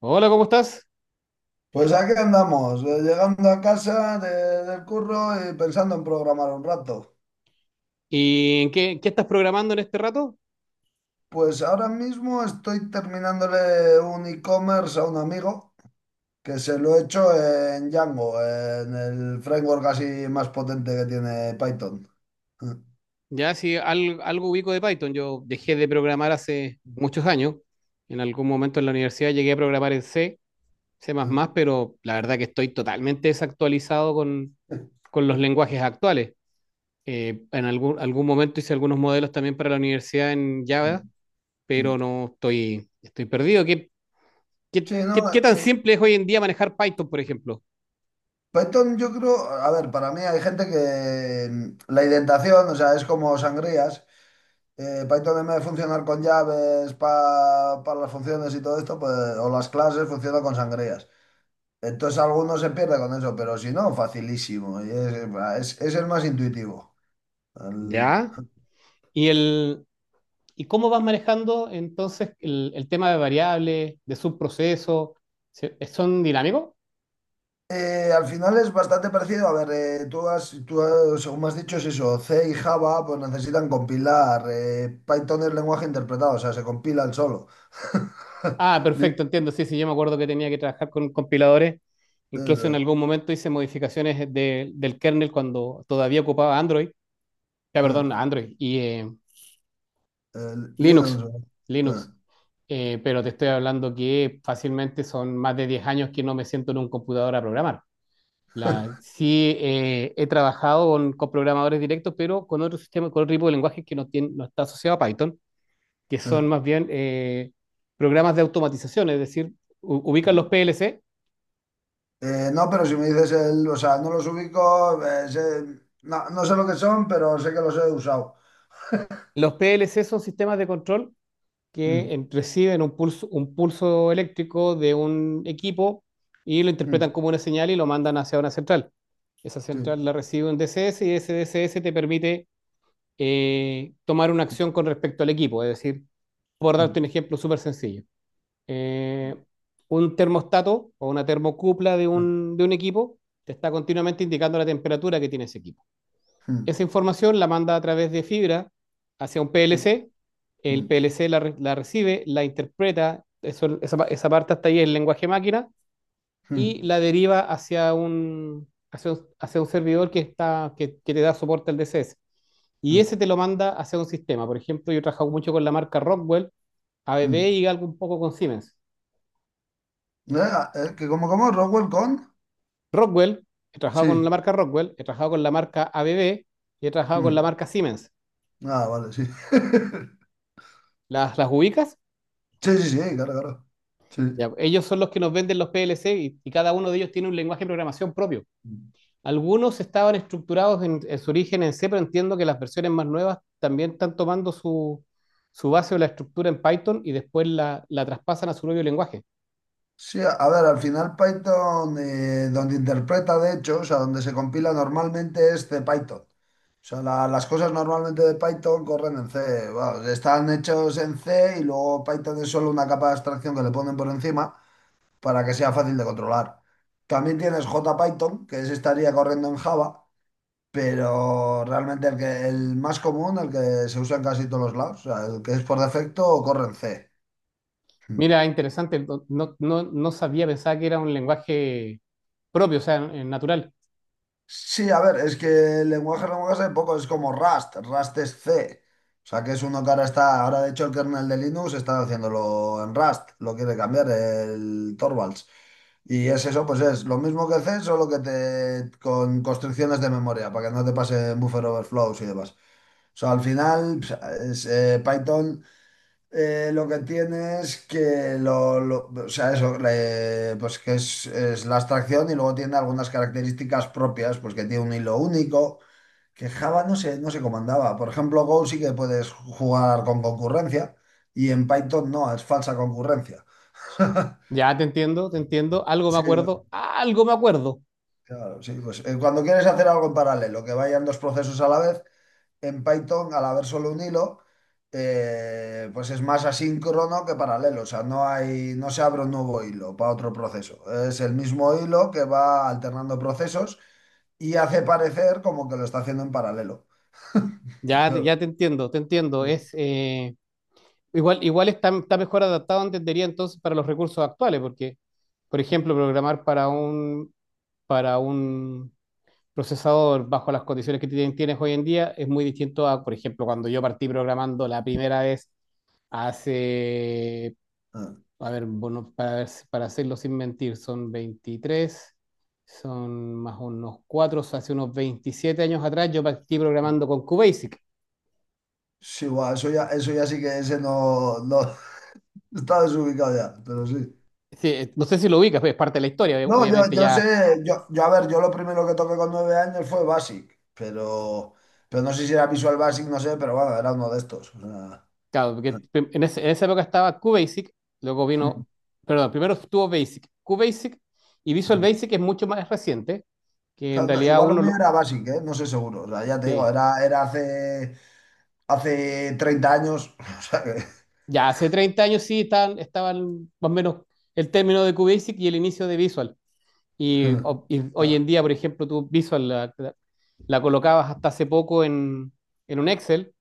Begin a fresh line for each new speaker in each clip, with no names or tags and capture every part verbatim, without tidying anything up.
Hola, ¿cómo estás?
Pues aquí andamos, eh, llegando a casa de- del curro y pensando en programar un rato.
¿Y en qué, qué estás programando en este rato?
Pues ahora mismo estoy terminándole un e-commerce a un amigo que se lo he hecho en Django, en el framework así más potente que tiene Python.
Ya si al- Algo ubico de Python, yo dejé de programar hace muchos años. En algún momento en la universidad llegué a programar en C, C++, pero la verdad que estoy totalmente desactualizado con, con los lenguajes actuales. Eh, en algún, algún momento hice algunos modelos también para la universidad en Java, pero no estoy, estoy perdido. ¿Qué, qué,
Sí, no,
qué, qué tan
eh,
simple es hoy en día manejar Python, por ejemplo?
Python yo creo, a ver, para mí hay gente que mm, la indentación, o sea, es como sangrías. Eh, Python en vez de funcionar con llaves pa- para las funciones y todo esto, pues, o las clases, funciona con sangrías. Entonces alguno se pierde con eso, pero si no, facilísimo. Y es, es- es el más intuitivo. Al,
¿Ya? ¿Y el, ¿Y cómo vas manejando entonces el, el tema de variables, de subprocesos? ¿Se- eh, ¿Son dinámicos?
Eh, al final es bastante parecido. A ver, eh, tú has, tú has- según me has dicho, es eso. C y Java pues necesitan compilar. eh, Python es lenguaje interpretado, o sea, se compila el solo.
Ah,
Li-
perfecto, entiendo. Sí, sí, yo me acuerdo que tenía que trabajar con compiladores. Incluso en
eso,
algún momento hice modificaciones de- del kernel cuando todavía ocupaba Android. Ya,
eh,
perdón, Android y eh,
eh,
Linux.
Linux. eh,
Linux. Eh, pero te estoy hablando que fácilmente son más de diez años que no me siento en un computador a programar. La, sí, eh, he trabajado con, con programadores directos, pero con otro sistema, con otro tipo de lenguaje que no, tiene, no está asociado a Python, que son
eh.
más bien eh, programas de automatización, es decir, u- ubican los
eh.
P L C.
Eh, no, pero si me dices el, o sea, no los ubico, eh, sé- no, no sé lo que son, pero sé que los he usado.
Los P L C son sistemas de control que
Mm,
en- reciben un pulso, un pulso eléctrico de un equipo y lo interpretan
mm,
como una señal y lo mandan hacia una central. Esa
sí,
central la recibe un D C S y ese D C S te permite eh, tomar una acción con respecto al equipo, es decir, por
mm,
darte un ejemplo súper sencillo, eh, un termostato o una termocupla de
mm,
un, de un equipo te está continuamente indicando la temperatura que tiene ese equipo.
mm,
Esa información la manda a través de fibra hacia un
sí,
P L C, el
mm,
P L C la, re- la recibe, la interpreta, eso- esa, esa parte hasta ahí es lenguaje máquina, y
mm,
la deriva hacia un, hacia un, hacia un servidor que, está, que, que te da soporte al D C S. Y
mm,
ese te lo manda hacia un sistema. Por ejemplo, yo he trabajado mucho con la marca Rockwell, A B B
mm.
y algo un poco con Siemens.
Eh, eh, ¿que cómo, cómo? ¿Rockwell con?
Rockwell, he trabajado con
Sí.
la marca Rockwell, he trabajado con la marca A B B y he trabajado con la
Mm.
marca Siemens.
Ah, vale, sí.
¿Las, las ubicas?
Sí, sí, sí, claro, claro. Sí.
Ya, ellos son los que nos venden los P L C y, y, cada uno de ellos tiene un lenguaje de programación propio. Algunos estaban estructurados en, en su origen en C, pero entiendo que las versiones más nuevas también están tomando su, su base o la estructura en Python y después la, la traspasan a su propio lenguaje.
Sí, a a ver, al final Python, eh, donde interpreta de hecho, o sea, donde se compila normalmente es de Python. O sea, la- las cosas normalmente de Python corren en C. Bueno, están hechos en C y luego Python es solo una capa de abstracción que le ponen por encima para que sea fácil de controlar. También tienes JPython, que ese estaría corriendo en Java, pero realmente el que, el más común, el que se usa en casi todos los lados, o sea, el que es por defecto, corre en C.
Mira, interesante, no, no, no- no sabía, pensaba que era un lenguaje propio, o sea, eh, natural.
Sí, a ver, es que lenguaje, lenguaje hay poco, es como Rust, Rust es C. O sea, que es uno que ahora está, ahora de hecho el kernel de Linux está haciéndolo en Rust, lo quiere cambiar el Torvalds. Y es eso, pues es lo mismo que C, solo que te con constricciones de memoria, para que no te pase buffer overflows y demás. O sea, al final pues, es, eh, Python. Eh, lo que tiene es que lo, lo- o sea, eso, le- pues que es, es la abstracción y luego tiene algunas características propias, pues que tiene un hilo único, que Java no se no se comandaba. Por ejemplo, Go sí que puedes jugar con concurrencia y en Python no, es falsa concurrencia.
Ya te entiendo, te entiendo, algo me
Sí,
acuerdo, algo me acuerdo.
claro, sí, pues eh, cuando quieres hacer algo en paralelo, que vayan dos procesos a la vez, en Python, al haber solo un hilo, eh, pues es más asíncrono que paralelo. O sea, no hay, no se abre un nuevo hilo para otro proceso. Es el mismo hilo que va alternando procesos y hace parecer como que lo está haciendo en paralelo.
Ya, te-
Claro.
ya te entiendo, te entiendo. Es, eh, igual, igual está, está mejor adaptado, entendería entonces, para los recursos actuales, porque, por ejemplo, programar para un, para un procesador bajo las condiciones que tien- tienes hoy en día es muy distinto a, por ejemplo, cuando yo partí programando la primera vez hace,
Ah,
a ver, bueno, para, ver- para hacerlo sin mentir, son veintitrés son más unos cuatro, o sea, hace unos veintisiete años atrás yo partí programando con QBasic.
sí, guau, eso ya, eso ya sí que ese no, no está desubicado ya, pero sí.
Sí, eh, no sé si lo ubicas, pues es parte de la historia, ob-
No, yo,
obviamente
yo sé,
ya
yo, yo a ver, yo lo primero que toqué con nueve años fue Basic, pero, pero no sé si era Visual Basic, no sé, pero bueno, era uno de estos. O sea.
claro, porque prim- en, ese- en esa época estaba QBasic, luego vino,
Mm,
perdón, primero estuvo Basic, QBasic y Visual
mm.
Basic es mucho más reciente, que en
Claro, no,
realidad
igual lo
uno
mío
lo,
era básico, ¿eh? No sé seguro. O sea, ya te digo,
sí.
era, era hace, hace treinta años. O sea que.
Ya hace treinta años sí estaban, estaban más o menos el término de QBasic y el inicio de Visual. Y,
Mm,
o- y hoy en
ah,
día, por ejemplo, tú Visual la, la- la colocabas hasta hace poco en, en un Excel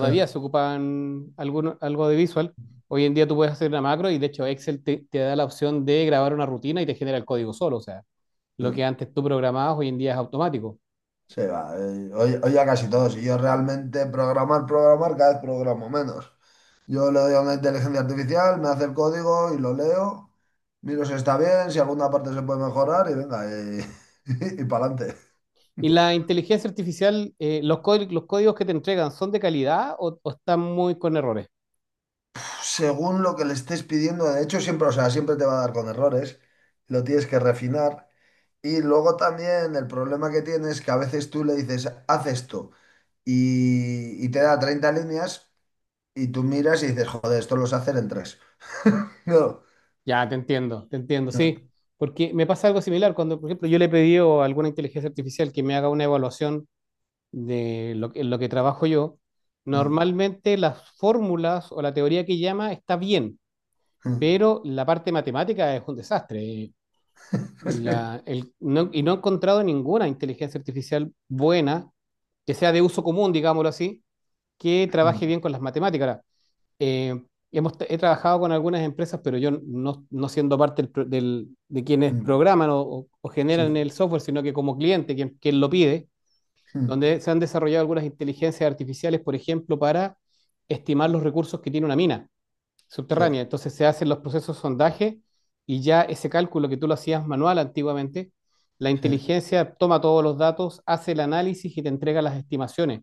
ah,
se ocupan alguno- algo de visual. Hoy en día tú puedes hacer una macro y de hecho Excel te, te da la opción de grabar una rutina y te genera el código solo. O sea, lo
mm.
que antes tú programabas hoy en día es automático.
Sí, va. eh, Hoy, hoy ya casi todos. Y yo realmente programar, programar, cada vez programo menos. Yo le doy a una inteligencia artificial, me hace el código y lo leo. Miro si está bien, si alguna parte se puede mejorar y venga, y, y, para adelante.
Y la inteligencia artificial, eh, los, códi- los códigos que te entregan, ¿son de calidad o, o están muy con errores?
Según lo que le estés pidiendo, de hecho, siempre, o sea, siempre te va a dar con errores. Lo tienes que refinar. Y luego también el problema que tienes es que a veces tú le dices, haz esto, y, y te da treinta líneas, y tú miras y dices, joder, esto lo sé hacer en tres. No.
Ya, te entiendo, te entiendo, sí. Porque me pasa algo similar cuando, por ejemplo, yo le he pedido a alguna inteligencia artificial que me haga una evaluación de lo, que- en lo que trabajo yo. Normalmente las fórmulas o la teoría que llama está bien, pero la parte matemática es un desastre. La- el- no- y no he encontrado ninguna inteligencia artificial buena, que sea de uso común, digámoslo así, que trabaje bien con las matemáticas. Ahora, eh, hemos, he trabajado con algunas empresas, pero yo no, no siendo parte del pro- del- de quienes programan o, o- o
Sí,
generan
sí,
el software, sino que como cliente, quien, quien lo pide, donde se han desarrollado algunas inteligencias artificiales, por ejemplo, para estimar los recursos que tiene una mina
sí,
subterránea. Entonces se hacen los procesos de sondaje y ya ese cálculo que tú lo hacías manual antiguamente, la
sí.
inteligencia toma todos los datos, hace el análisis y te entrega las estimaciones.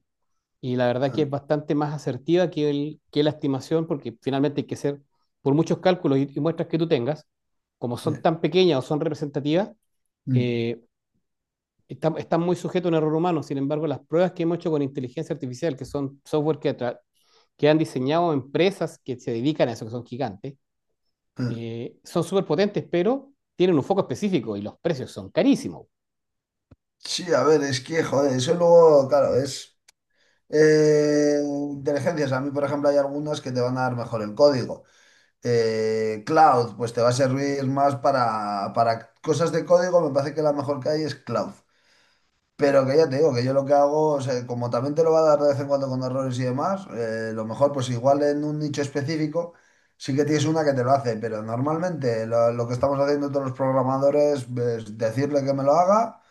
Y la verdad que es bastante más asertiva que, el, que la estimación, porque finalmente hay que hacer por muchos cálculos y, y muestras que tú tengas, como son tan pequeñas o son representativas, eh, están, están muy sujetos a un error humano. Sin embargo, las pruebas que hemos hecho con inteligencia artificial, que son software que, que han diseñado empresas que se dedican a eso, que son gigantes, eh, son súper potentes, pero tienen un foco específico y los precios son carísimos.
Sí, a ver, es que, joder, eso luego, claro, es eh, inteligencias. A mí, por ejemplo, hay algunas que te van a dar mejor el código. Eh, cloud, pues te va a servir más para, para cosas de código, me parece que la mejor que hay es cloud. Pero que ya te digo, que yo lo que hago, o sea, como también te lo va a dar de vez en cuando con errores y demás, eh, lo mejor pues igual en un nicho específico sí que tienes una que te lo hace, pero normalmente lo, lo que estamos haciendo todos los programadores es decirle que me lo haga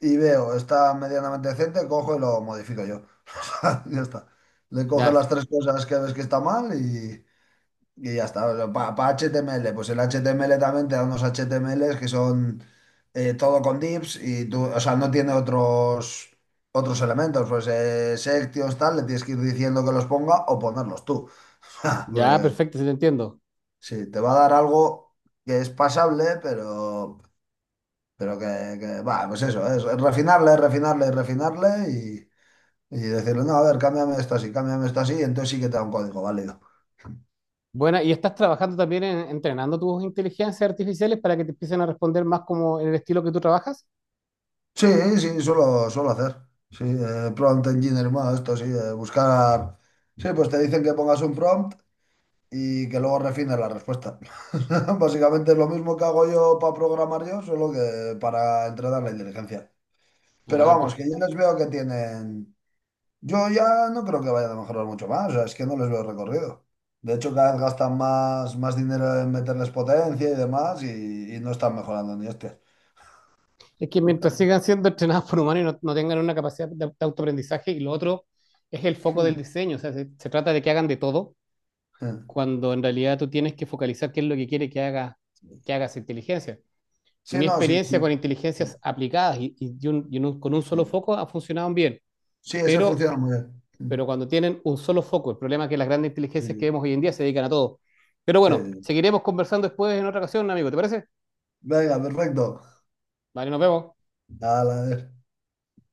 y veo, está medianamente decente, cojo y lo modifico yo. O sea, ya está. Le coges
Ya,
las tres cosas que ves que está mal y... Y ya está, para H T M L, pues el H T M L también te da unos H T M Ls que son eh, todo con divs y tú, o sea, no tiene otros, otros elementos, pues eh, sections, tal, le tienes que ir diciendo que los ponga o ponerlos tú.
ya,
Porque
perfecto, sí te entiendo.
sí, te va a dar algo que es pasable, pero, pero que, que, va, pues eso, es refinarle, refinarle, refinarle y, y decirle, no, a ver, cámbiame esto así, cámbiame esto así, y entonces sí que te da un código válido.
Bueno, y estás trabajando también en, entrenando tus inteligencias artificiales para que te empiecen a responder más como en el estilo que tú trabajas.
Sí, sí, suelo, suelo hacer. Sí, eh, prompt engineer más, esto sí, eh, buscar. Sí, pues te dicen que pongas un prompt y que luego refines la respuesta. Básicamente es lo mismo que hago yo para programar yo, solo que para entrenar la inteligencia. Pero
Ah,
vamos, que
perfecto.
yo les veo que tienen. Yo ya no creo que vayan a mejorar mucho más, o sea, es que no les veo recorrido. De hecho, cada vez gastan más, más dinero en meterles potencia y demás y, y no están mejorando ni este.
Es que mientras sigan siendo entrenados por humanos y no, no tengan una capacidad de, de autoaprendizaje, y lo otro es el foco del diseño, o sea, se, se trata de que hagan de todo, cuando en realidad tú tienes que focalizar qué es lo que quiere que haga, que haga esa inteligencia.
Sí,
Mi
no, sí, sí.
experiencia con inteligencias aplicadas y, y un- y un- con un solo
Sí,
foco ha funcionado bien,
sí, esa
pero,
funciona muy bien. Sí,
pero cuando tienen un solo foco, el problema es que las grandes inteligencias que
sí,
vemos hoy en día se dedican a todo. Pero
sí.
bueno,
Sí.
seguiremos conversando después en otra ocasión, amigo, ¿te parece?
Venga, perfecto.
Vale, nos vemos.
Ala,